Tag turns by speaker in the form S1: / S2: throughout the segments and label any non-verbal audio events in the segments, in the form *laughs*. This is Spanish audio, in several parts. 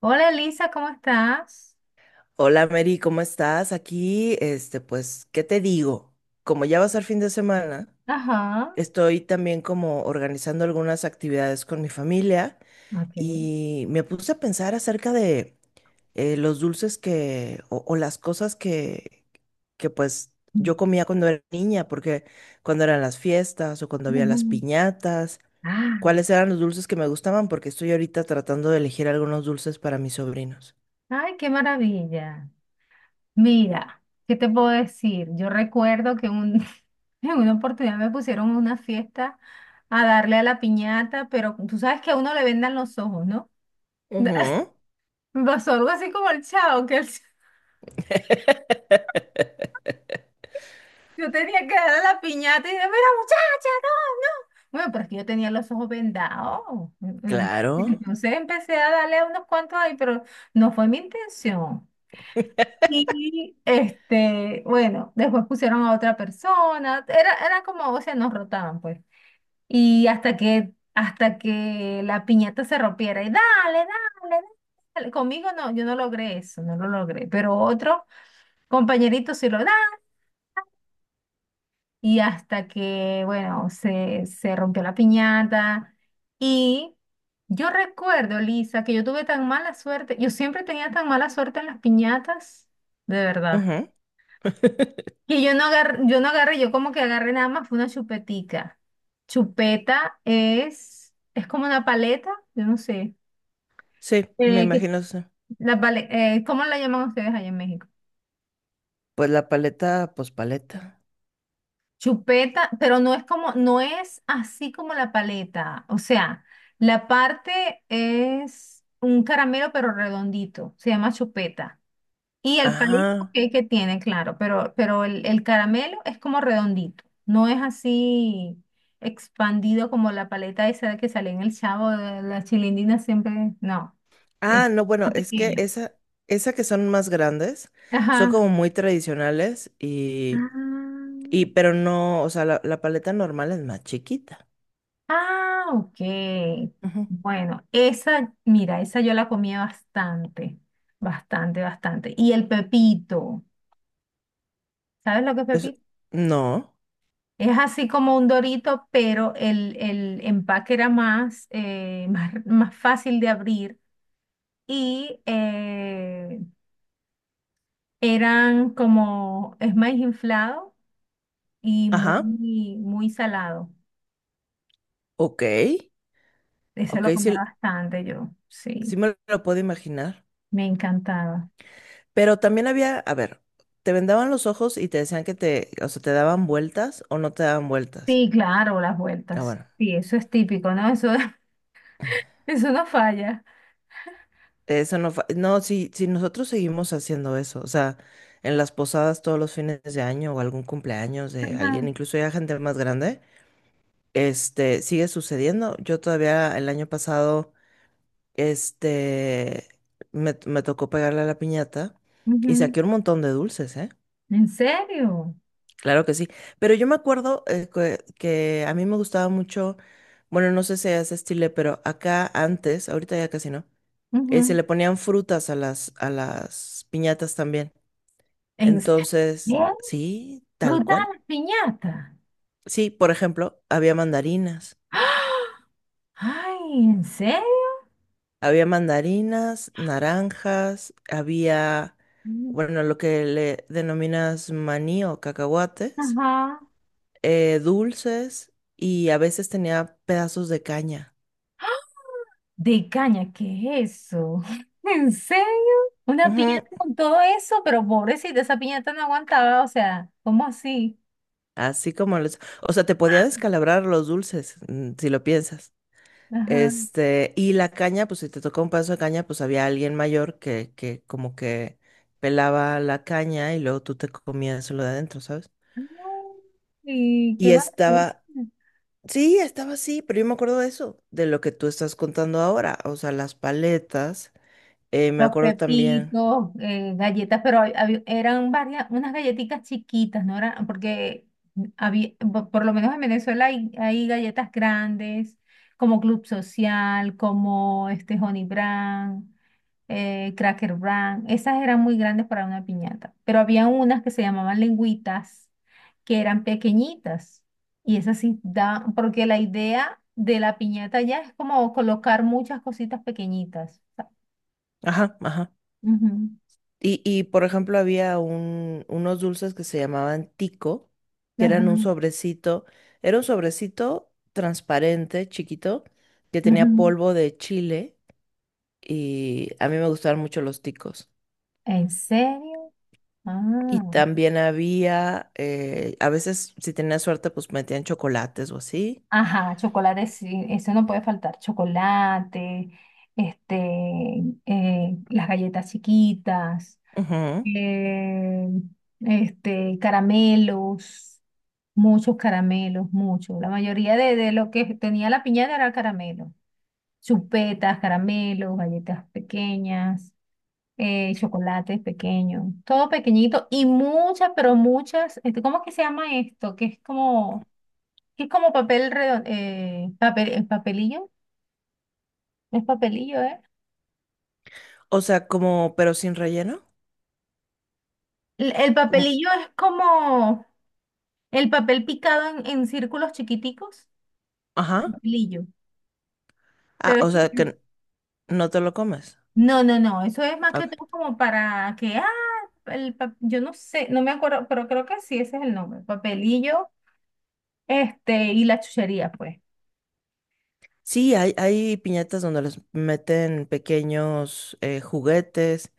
S1: Hola Elisa, ¿cómo estás?
S2: Hola Mary, ¿cómo estás? Aquí, este, pues, ¿qué te digo? Como ya va a ser fin de semana,
S1: Ajá.
S2: estoy también como organizando algunas actividades con mi familia
S1: Ok.
S2: y me puse a pensar acerca de los dulces o las cosas que pues yo comía cuando era niña, porque cuando eran las fiestas o cuando había las
S1: Ujú.
S2: piñatas,
S1: Ah,
S2: cuáles eran los dulces que me gustaban, porque estoy ahorita tratando de elegir algunos dulces para mis sobrinos.
S1: ay, qué maravilla. Mira, ¿qué te puedo decir? Yo recuerdo que *laughs* en una oportunidad me pusieron a una fiesta a darle a la piñata, pero tú sabes que a uno le vendan los ojos, ¿no? *laughs*
S2: Ujú,
S1: Pasó algo así como el chavo, que el *laughs* yo tenía que darle a la piñata y dije, mira, muchacha. Bueno, pero es que yo tenía los ojos vendados. Mm.
S2: claro.
S1: Entonces empecé a darle a unos cuantos ahí, pero no fue mi intención. Y bueno, después pusieron a otra persona. Era como, o sea, nos rotaban, pues. Y hasta que la piñata se rompiera. Y dale, dale, dale. Conmigo no, yo no logré eso, no lo logré. Pero otro compañerito sí lo, dale, y hasta que, bueno, se rompió la piñata. Y yo recuerdo, Lisa, que yo tuve tan mala suerte, yo siempre tenía tan mala suerte en las piñatas, de verdad,
S2: Ujú. *laughs*
S1: que yo no agarré, yo como que agarré nada más, fue una chupetica. Chupeta es como una paleta, yo no sé,
S2: Sí, me
S1: eh, que,
S2: imagino. Sí.
S1: la ¿cómo la llaman ustedes allá en México?
S2: Pues la paleta, pues paleta.
S1: Chupeta, pero no es como, no es así como la paleta. O sea, la parte es un caramelo pero redondito, se llama chupeta. Y el palito
S2: Ah,
S1: que tiene, claro, pero el caramelo es como redondito, no es así expandido como la paleta esa que sale en el Chavo, de la chilindina siempre, no, es
S2: ah, no, bueno,
S1: más
S2: es que
S1: pequeño.
S2: esa, que son más grandes, son
S1: Ajá.
S2: como muy tradicionales
S1: Ah,
S2: y pero no, o sea, la paleta normal es más chiquita.
S1: ah, ok.
S2: Ujú.
S1: Bueno, esa, mira, esa yo la comía bastante, bastante. Y el pepito, ¿sabes lo que es
S2: Es-
S1: pepito?
S2: no,
S1: Es así como un dorito, pero el empaque era más, *laughs* más fácil de abrir y eran como, es más inflado y
S2: ajá,
S1: muy salado.
S2: ok,
S1: Ese
S2: ok,
S1: lo comía
S2: sí,
S1: bastante yo,
S2: sí
S1: sí,
S2: me lo puedo imaginar.
S1: me encantaba.
S2: Pero también había, a ver, te vendaban los ojos y te decían que te, o sea, te daban vueltas o no te daban vueltas.
S1: Sí, claro, las
S2: Ah,
S1: vueltas.
S2: bueno.
S1: Sí, eso es típico, ¿no? Eso, *laughs* eso no falla.
S2: Eso no, no, si, si nosotros seguimos haciendo eso, o sea, en las posadas todos los fines de año o algún cumpleaños de
S1: Ajá,
S2: alguien, incluso ya gente más grande, este, sigue sucediendo. Yo todavía el año pasado, este, me tocó pegarle a la piñata y
S1: ujú.
S2: saqué un montón de dulces, ¿eh?
S1: ¿En serio?
S2: Claro que sí, pero yo me acuerdo que a mí me gustaba mucho, bueno, no sé si es estilo, pero acá antes, ahorita ya casi no. Se
S1: Ujú.
S2: le ponían frutas a las, piñatas también.
S1: ¿En
S2: Entonces,
S1: serio?
S2: sí, tal
S1: ¿Ruta a
S2: cual.
S1: las piñatas?
S2: Sí, por ejemplo, había mandarinas.
S1: ¡Ah! *gasps* Ay, ¿en serio?
S2: Había mandarinas, naranjas, había,
S1: Mm.
S2: bueno, lo que le denominas maní o cacahuates,
S1: Ajá.
S2: dulces y a veces tenía pedazos de caña.
S1: De caña, ¿qué es eso? *laughs* ¿En serio? Una
S2: Ujú,
S1: piñata con todo eso, pero pobrecita, esa piñata no aguantaba, o sea, ¿cómo así?
S2: así como los... O sea, te podía descalabrar los dulces, si lo piensas.
S1: Ajá.
S2: Este, y la caña, pues si te tocó un pedazo de caña, pues había alguien mayor que, como que pelaba la caña y luego tú te comías lo de adentro, ¿sabes?
S1: Ay, qué
S2: Y
S1: maravilla.
S2: estaba, sí, estaba así, pero yo me acuerdo de eso, de lo que tú estás contando ahora, o sea, las paletas, me
S1: Los
S2: acuerdo también,
S1: pepitos, galletas, pero eran varias, unas galletitas chiquitas, ¿no? Eran, porque por lo menos en Venezuela hay galletas grandes, como Club Social, como este Honey Brand, Cracker Brand. Esas eran muy grandes para una piñata, pero había unas que se llamaban lengüitas, que eran pequeñitas. Y esas sí daban, porque la idea de la piñata ya es como colocar muchas cositas pequeñitas.
S2: ajá, ajá.
S1: Ujú.
S2: y por ejemplo, había unos dulces que se llamaban tico, que
S1: Ajá,
S2: eran un sobrecito, era un sobrecito transparente, chiquito, que tenía
S1: ujú.
S2: polvo de chile y a mí me gustaban mucho los ticos.
S1: ¿En serio?
S2: Y
S1: Ah,
S2: también había, a veces si tenía suerte, pues metían chocolates o así.
S1: ajá, chocolate, sí, eso no puede faltar. Chocolate, las galletas chiquitas,
S2: Ujú.
S1: eh, caramelos, muchos caramelos, muchos. La mayoría de lo que tenía la piñata era caramelo. Chupetas, caramelos, galletas pequeñas, chocolates pequeños, todo pequeñito y muchas, este, ¿cómo es que se llama esto? Que es como papel redondo, papel, el papelillo, no es papelillo, ¿eh?
S2: O sea, como, pero sin relleno.
S1: El
S2: Como-
S1: papelillo es como el papel picado en círculos chiquiticos,
S2: Ajá.
S1: papelillo,
S2: Ah,
S1: pero
S2: o sea, que no te lo comes.
S1: no, no, no, eso es más que
S2: Ok.
S1: todo como para que, ah, yo no sé, no me acuerdo, pero creo que sí, ese es el nombre, papelillo, este, y la chuchería, pues.
S2: Sí, hay piñatas donde les meten pequeños juguetes,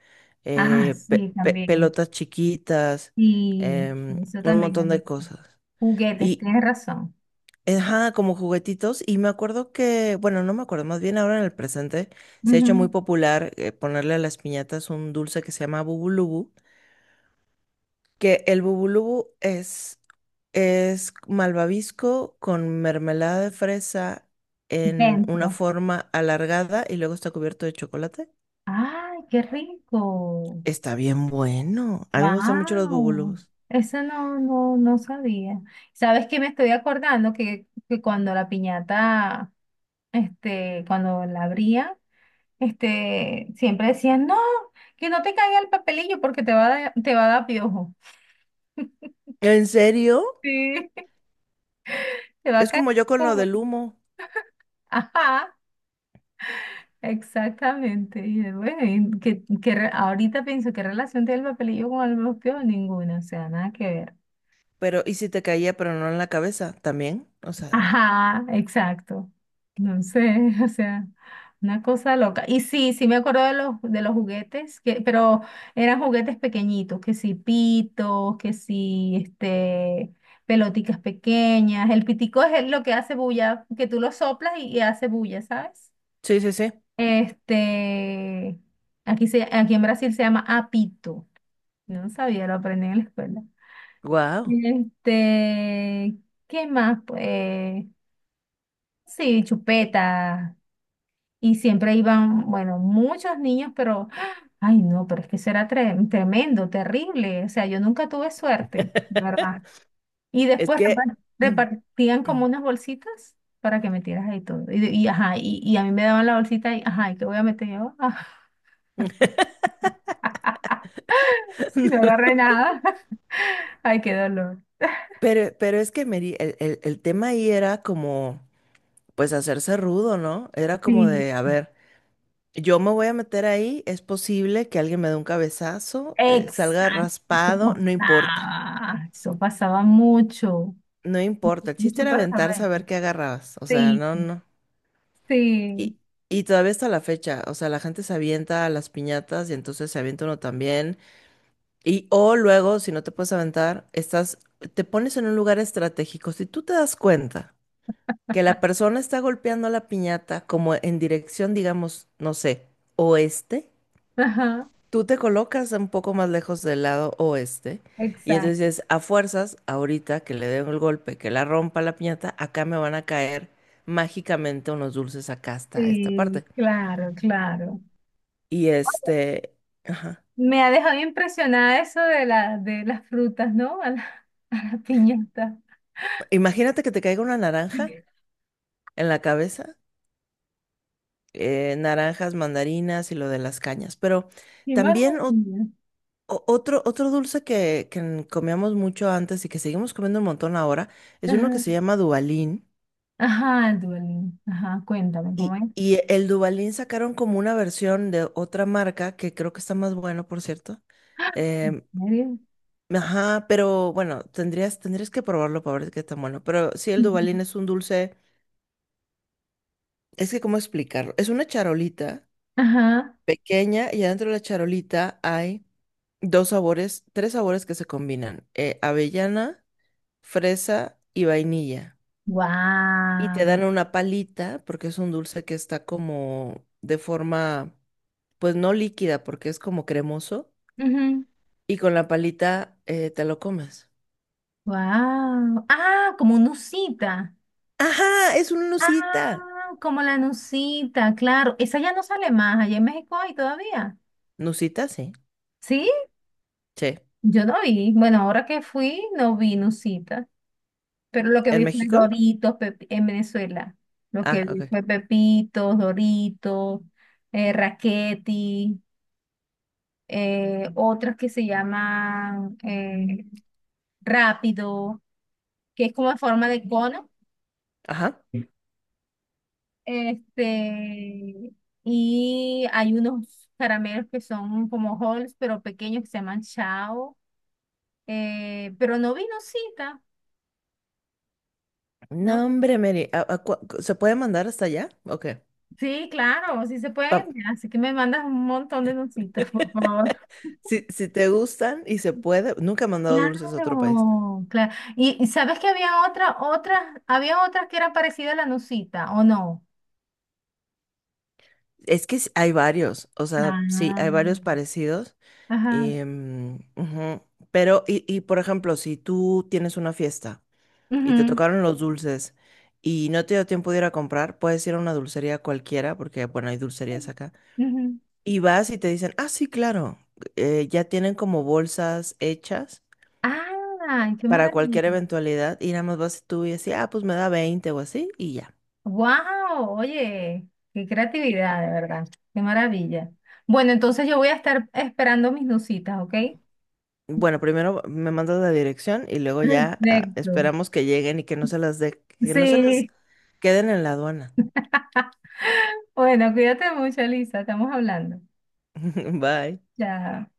S1: Ah, sí, también.
S2: pelotas chiquitas,
S1: Y eso
S2: un
S1: también,
S2: montón de
S1: amigo.
S2: cosas.
S1: Juguetes,
S2: Y,
S1: tienes razón.
S2: Ajá, como juguetitos. Y me acuerdo que, bueno, no me acuerdo, más bien ahora en el presente se ha hecho muy
S1: Ujú.
S2: popular ponerle a las piñatas un dulce que se llama bubulubu, que el bubulubu es malvavisco con mermelada de fresa en una
S1: Dentro.
S2: forma alargada y luego está cubierto de chocolate.
S1: ¡Ay, qué rico!
S2: Está bien bueno. A mí me gustan mucho los
S1: ¡Wow!
S2: bubulubus.
S1: Eso no, no, no sabía. ¿Sabes qué me estoy acordando? Que cuando la piñata, cuando la abría, siempre decían, no, que no te caiga el papelillo porque te va a, te va a dar piojo. *laughs*
S2: ¿En serio?
S1: Sí, te va a
S2: Es
S1: caer
S2: como yo con lo
S1: piojo.
S2: del humo,
S1: Ajá. Exactamente. Y bueno, y ahorita pienso qué relación tiene el papelillo con el mosqueo, ninguna, o sea, nada que ver.
S2: pero ¿y si te caía pero no en la cabeza también? O
S1: *laughs*
S2: sea,
S1: Ajá, exacto. No sé, *laughs* o sea, una cosa loca. Y sí, sí me acuerdo de de los juguetes, que, pero eran juguetes pequeñitos, que sí, pitos, que sí, este, pelotitas pequeñas. El pitico es lo que hace bulla, que tú lo soplas y hace bulla, ¿sabes?
S2: sí, sí, sí.
S1: Este, aquí, aquí en Brasil se llama apito. No sabía, lo aprendí en la escuela.
S2: Wow.
S1: Este, ¿qué más? Pues sí, chupeta. Y siempre iban, bueno, muchos niños, pero, ¡ah! Ay no, pero es que eso era tremendo, terrible. O sea, yo nunca tuve suerte, ¿verdad? Y
S2: Es
S1: después
S2: que, *clears throat*
S1: repartían como unas bolsitas para que metieras ahí todo. Y, ajá, y a mí me daban la bolsita y, ajá, ¿y qué voy a meter yo? *laughs* Si no agarré nada. Ay, qué dolor.
S2: pero es que Mary, el tema ahí era como, pues hacerse rudo, ¿no? Era como
S1: Sí,
S2: de, a ver, yo me voy a meter ahí, es posible que alguien me dé un cabezazo, salga
S1: exacto,
S2: raspado, no importa,
S1: eso pasaba mucho,
S2: no importa. El chiste
S1: mucho
S2: era
S1: pasaba.
S2: aventarse a
S1: Eso.
S2: ver qué agarrabas, o sea,
S1: Sí,
S2: no, no.
S1: sí,
S2: Y, y, todavía está la fecha, o sea, la gente se avienta a las piñatas y entonces se avienta uno también. Y o luego, si no te puedes aventar, te pones en un lugar estratégico. Si tú te das cuenta que la persona está golpeando la piñata como en dirección, digamos, no sé, oeste,
S1: ajá,
S2: tú te colocas un poco más lejos del lado oeste y
S1: exacto,
S2: entonces a fuerzas, ahorita que le den el golpe, que la rompa la piñata, acá me van a caer mágicamente unos dulces acá hasta esta
S1: sí,
S2: parte.
S1: claro, claro.
S2: Y este, ajá.
S1: Me ha dejado impresionada eso de de las frutas, ¿no? A la, *laughs* a la piñata.
S2: Imagínate que te caiga una naranja en la cabeza. Naranjas, mandarinas y lo de las cañas. Pero
S1: Qué
S2: también
S1: maravilla.
S2: otro dulce que comíamos mucho antes y que seguimos comiendo un montón ahora es uno que
S1: Ajá,
S2: se llama Dubalín.
S1: ajá, el duelo. Ajá, cuéntame, ¿cómo
S2: Y,
S1: es?
S2: y el Dubalín sacaron como una versión de otra marca que creo que está más bueno, por cierto.
S1: ¿En
S2: Em,
S1: serio?
S2: ajá, pero bueno, tendrías que probarlo para ver qué tan bueno. Pero sí, el
S1: Ujú.
S2: Dubalín es un dulce, es que cómo explicarlo. Es una charolita
S1: Ajá,
S2: pequeña y adentro de la charolita hay dos sabores, tres sabores que se combinan, avellana, fresa y vainilla. Y te
S1: wow.
S2: dan una palita porque es un dulce que está como de forma, pues no líquida porque es como cremoso. Y con la palita te lo comes.
S1: Wow. Ah, como nucita.
S2: Ajá, es una nusita.
S1: Ah, como la nucita, claro. Esa ya no sale más. Allá en México hay todavía.
S2: Nusita, sí.
S1: ¿Sí?
S2: Sí.
S1: Yo no vi. Bueno, ahora que fui, no vi nucita. Pero lo que
S2: ¿En
S1: vi fue
S2: México?
S1: En Venezuela. Lo
S2: Ah,
S1: que
S2: ok.
S1: vi fue Pepitos, Doritos, Raquetti, otras que se llaman Rápido, que es como en forma de cono.
S2: Ajá.
S1: Este, y hay unos caramelos que son como Halls, pero pequeños que se llaman Chao. Pero no vi nocita, ¿no?
S2: No, hombre, Mary. ¿Se puede mandar hasta allá? Ok.
S1: Sí, claro, sí se
S2: Vam-
S1: pueden. Así que me mandas un montón de nocitas, *laughs* por
S2: *laughs*
S1: favor.
S2: Si, si te gustan y se puede, nunca he mandado dulces a otro país.
S1: Claro, claro. Y sabes que había otras, había otras que eran parecidas a la nocita, ¿o no?
S2: Es que sí, hay varios, o sea, sí,
S1: Ah,
S2: hay varios parecidos.
S1: ajá,
S2: Ujú, pero, y por ejemplo, si tú tienes una fiesta y te
S1: ujú,
S2: tocaron los dulces y no te dio tiempo de ir a comprar, puedes ir a una dulcería cualquiera, porque, bueno, hay dulcerías
S1: sí,
S2: acá.
S1: ujú.
S2: Y vas y te dicen, ah, sí, claro, ya tienen como bolsas hechas
S1: Ah, qué
S2: para cualquier
S1: maravilla.
S2: eventualidad y nada más vas tú y así, ah, pues me da 20 o así y ya.
S1: Wow, oye, qué creatividad, de verdad, qué maravilla. Bueno, entonces yo voy a estar esperando mis nucitas, ¿ok?
S2: Bueno, primero me mandas la dirección y luego ya
S1: Perfecto.
S2: esperamos que lleguen y que no se las de, que no se las
S1: Sí.
S2: queden en la aduana.
S1: *laughs* Bueno, cuídate mucho, Lisa, estamos hablando.
S2: *laughs* Bye.
S1: Chao.